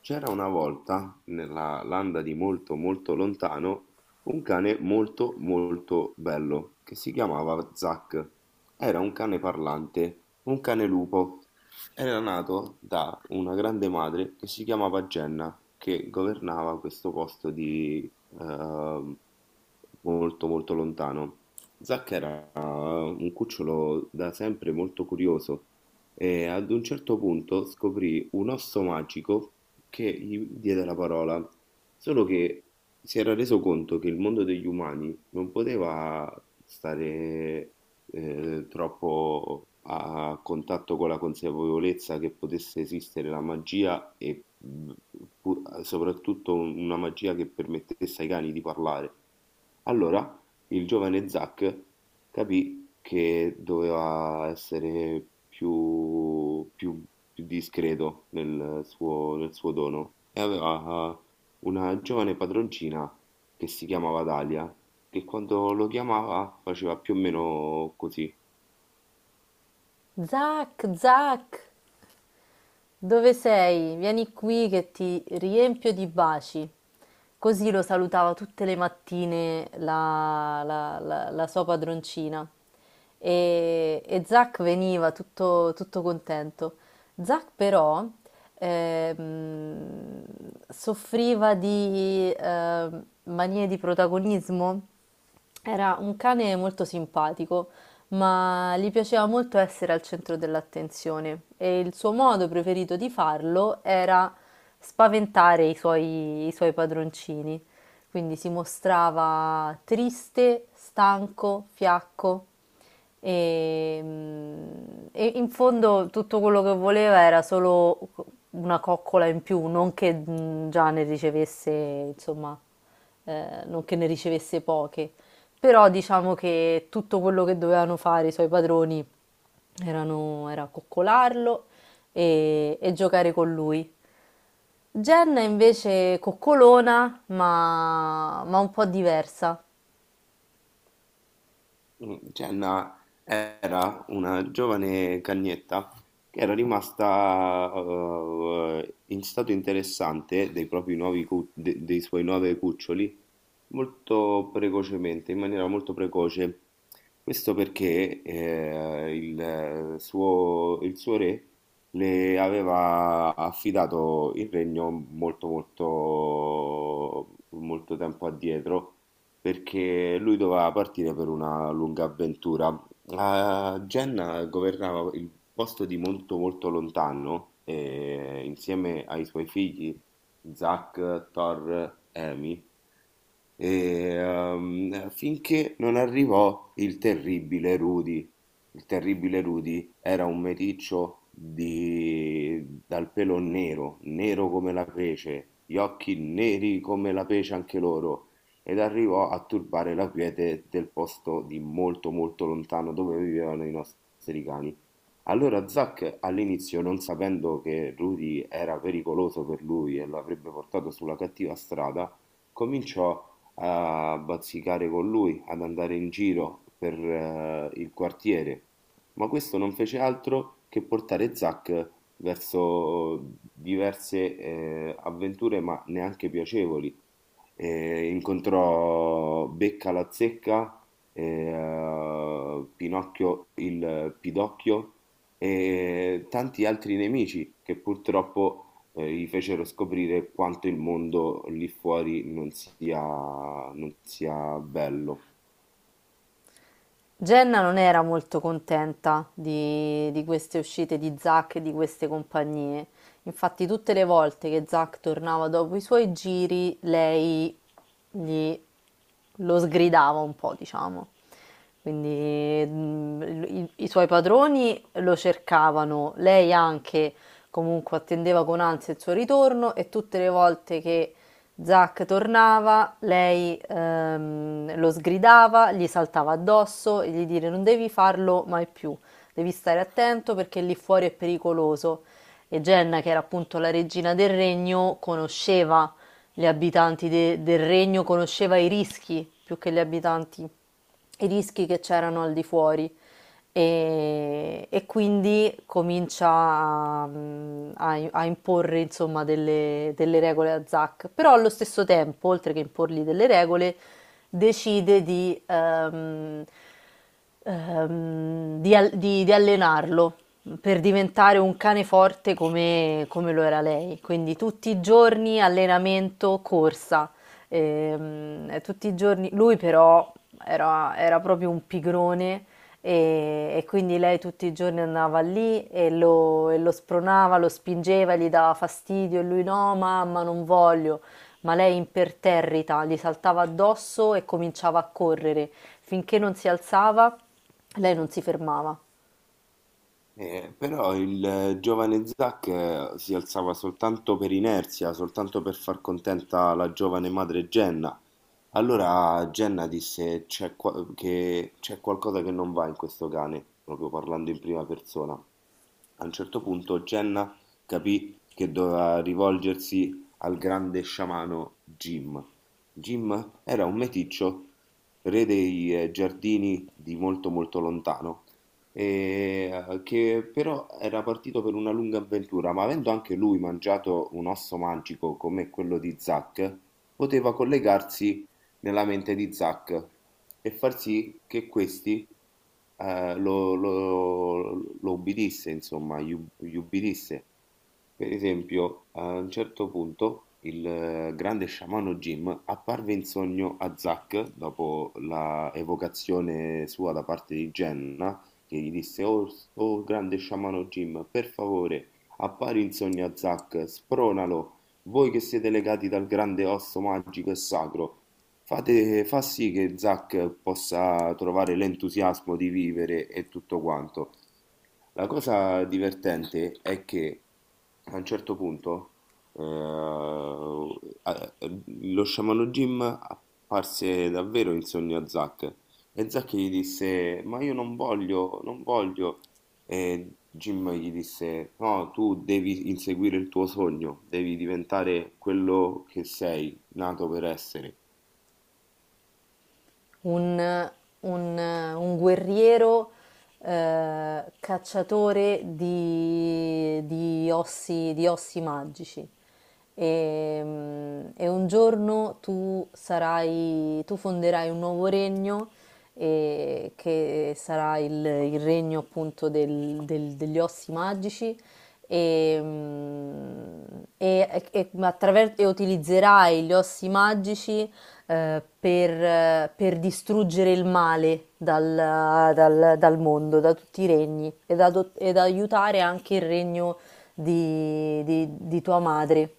C'era una volta, nella landa di molto molto lontano, un cane molto molto bello che si chiamava Zack. Era un cane parlante, un cane lupo. Era nato da una grande madre che si chiamava Jenna, che governava questo posto di ehm, molto molto lontano. Zack era un cucciolo da sempre molto curioso e ad un certo punto scoprì un osso magico che gli diede la parola, solo che si era reso conto che il mondo degli umani non poteva stare troppo a contatto con la consapevolezza che potesse esistere la magia e soprattutto una magia che permettesse ai cani di parlare. Allora il giovane Zack capì che doveva essere più più discreto nel suo dono e aveva una giovane padroncina che si chiamava Dalia, che quando lo chiamava faceva più o meno così. Zac, Zac, dove sei? Vieni qui che ti riempio di baci. Così lo salutava tutte le mattine la sua padroncina. E Zac veniva tutto contento. Zac però ehm, soffriva di manie di protagonismo, era un cane molto simpatico, ma gli piaceva molto essere al centro dell'attenzione e il suo modo preferito di farlo era spaventare i suoi padroncini. Quindi si mostrava triste, stanco, fiacco e, e in fondo tutto quello che voleva era solo una coccola in più, non che già ne ricevesse, insomma, non che ne ricevesse poche. Però diciamo che tutto quello che dovevano fare i suoi padroni era coccolarlo e giocare con lui. Jen è invece coccolona, ma un po' diversa. Mm, cioè, era una giovane cagnetta che era rimasta in stato interessante dei propri nuovi dei suoi nuovi cuccioli molto precocemente, in maniera molto precoce. Questo perché il suo, il suo re le aveva affidato il regno molto, molto, molto tempo addietro, perché lui doveva partire per una lunga avventura. La Genna governava il posto di molto, molto lontano, e insieme ai suoi figli Zac, Thor, Emi e, finché non arrivò il terribile Rudy. Il terribile Rudy era un meticcio dal pelo nero, nero come la pece, gli occhi neri come la pece anche loro, ed arrivò a turbare la quiete del posto di molto molto lontano dove vivevano i nostri cani. Allora Zack all'inizio, non sapendo che Rudy era pericoloso per lui e lo avrebbe portato sulla cattiva strada, cominciò a bazzicare con lui, ad andare in giro per il quartiere, ma questo non fece altro che portare Zack verso diverse avventure, ma neanche piacevoli. Incontrò Becca la zecca, Pinocchio il Pidocchio e tanti altri nemici che purtroppo, gli fecero scoprire quanto il mondo lì fuori non sia bello. Jenna non era molto contenta di queste uscite di Zack e di queste compagnie. Infatti, tutte le volte che Zack tornava dopo i suoi giri, lei gli lo sgridava un po', diciamo. Quindi i suoi padroni lo cercavano, lei anche comunque attendeva con ansia il suo ritorno e tutte le volte che Zac tornava, lei lo sgridava, gli saltava addosso e gli dire non devi farlo mai più, devi stare attento perché lì fuori è pericoloso. E Jenna, che era appunto la regina del regno, conosceva del regno, conosceva i rischi più che gli abitanti, i rischi che c'erano al di fuori, e quindi comincia a imporre insomma delle regole a Zack, però allo stesso tempo, oltre che imporgli delle regole, decide di allenarlo per diventare un cane forte come lo era lei. Quindi tutti i giorni allenamento, corsa. Tutti i giorni, lui però era proprio un pigrone e quindi lei tutti i giorni andava lì e lo spronava, lo spingeva, gli dava fastidio e lui no, mamma, non voglio. Ma lei imperterrita gli saltava addosso e cominciava a correre. Finché non si alzava, lei non si fermava. Però il giovane Zack si alzava soltanto per inerzia, soltanto per far contenta la giovane madre Jenna. Allora Jenna disse: «C'è che c'è qualcosa che non va in questo cane», proprio parlando in prima persona. A un certo punto Jenna capì che doveva rivolgersi al grande sciamano Jim. Jim era un meticcio, re dei giardini di molto molto lontano, e, che però era partito per una lunga avventura, ma avendo anche lui mangiato un osso magico come quello di Zack, poteva collegarsi nella mente di Zack e far sì che questi eh, lo, lo, lo ubbidisse, insomma, gli ubbidisse. Per esempio, a un certo punto il grande sciamano Jim apparve in sogno a Zack dopo la evocazione sua da parte di Jenna, che gli disse: «Oh, oh, grande sciamano Jim, per favore, appari in sogno a Zack, spronalo. Voi che siete legati dal grande osso magico e sacro, fa sì che Zack possa trovare l'entusiasmo di vivere e tutto quanto». La cosa divertente è che a un certo punto eh, a- ehm, lo sciamano Jim apparse davvero in sogno a Zack e Zack gli disse: «Ma io non voglio, non voglio». E Jim gli disse: «No, tu devi inseguire il tuo sogno, devi diventare quello che sei nato per essere». un, un guerriero, cacciatore di ossi magici. E un giorno tu sarai, tu fonderai un nuovo regno e che sarà il regno appunto degli ossi magici e, e utilizzerai gli ossi magici, per distruggere il male dal mondo, da tutti i regni, ed, ed aiutare anche il regno di tua madre.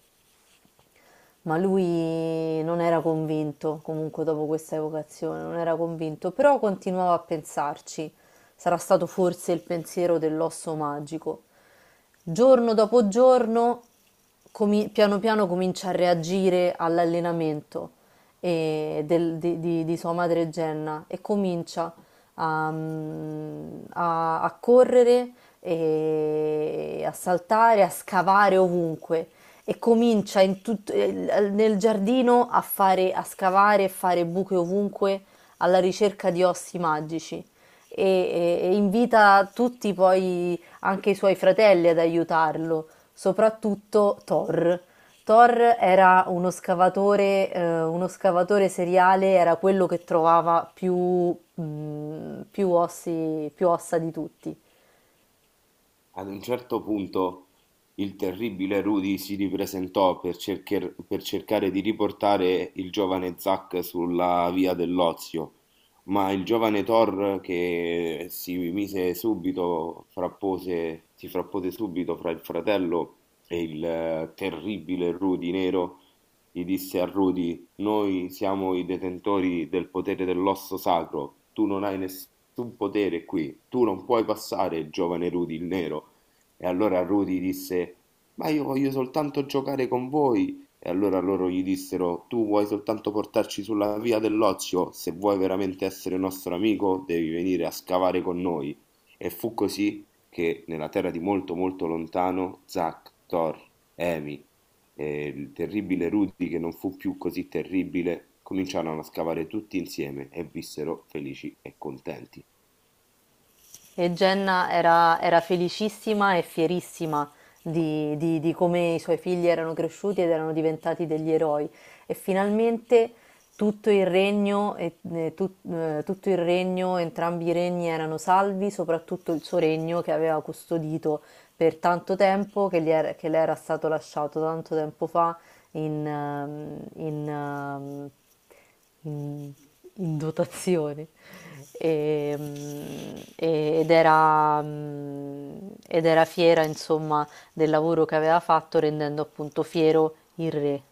Ma lui non era convinto, comunque dopo questa evocazione, non era convinto, però continuava a pensarci. Sarà stato forse il pensiero dell'osso magico. Giorno dopo giorno, piano piano comincia a reagire all'allenamento, di sua madre Jenna, e comincia a, a correre, e a saltare, a scavare ovunque e comincia nel giardino a fare, a scavare e fare buche ovunque alla ricerca di ossi magici. E, e invita tutti poi, anche i suoi fratelli, ad aiutarlo, soprattutto Thor. Thor era uno scavatore seriale, era quello che trovava più, più ossi, più ossa di tutti. Ad un certo punto il terribile Rudy si ripresentò per per cercare di riportare il giovane Zack sulla via dell'ozio, ma il giovane Thor che si mise subito, frappose, si frappose subito fra il fratello e il terribile Rudy nero, gli disse a Rudy: «Noi siamo i detentori del potere dell'osso sacro. Tu non hai nessun potere qui. Tu non puoi passare, giovane Rudy il nero». E allora Rudy disse: «Ma io voglio soltanto giocare con voi». E allora loro gli dissero: «Tu vuoi soltanto portarci sulla via dell'ozio? Se vuoi veramente essere nostro amico, devi venire a scavare con noi». E fu così che nella terra di molto molto lontano Zack, Thor, Emi, e il terribile Rudy, che non fu più così terribile, cominciarono a scavare tutti insieme e vissero felici e contenti. E Jenna era, era felicissima e fierissima di come i suoi figli erano cresciuti ed erano diventati degli eroi. E finalmente tutto il regno, tutto il regno, entrambi i regni erano salvi, soprattutto il suo regno che aveva custodito per tanto tempo, che le era stato lasciato tanto tempo fa in, ehm, in, ehm, in- in dotazione. E, ed era, ed era fiera, insomma, del lavoro che aveva fatto, rendendo appunto fiero il re.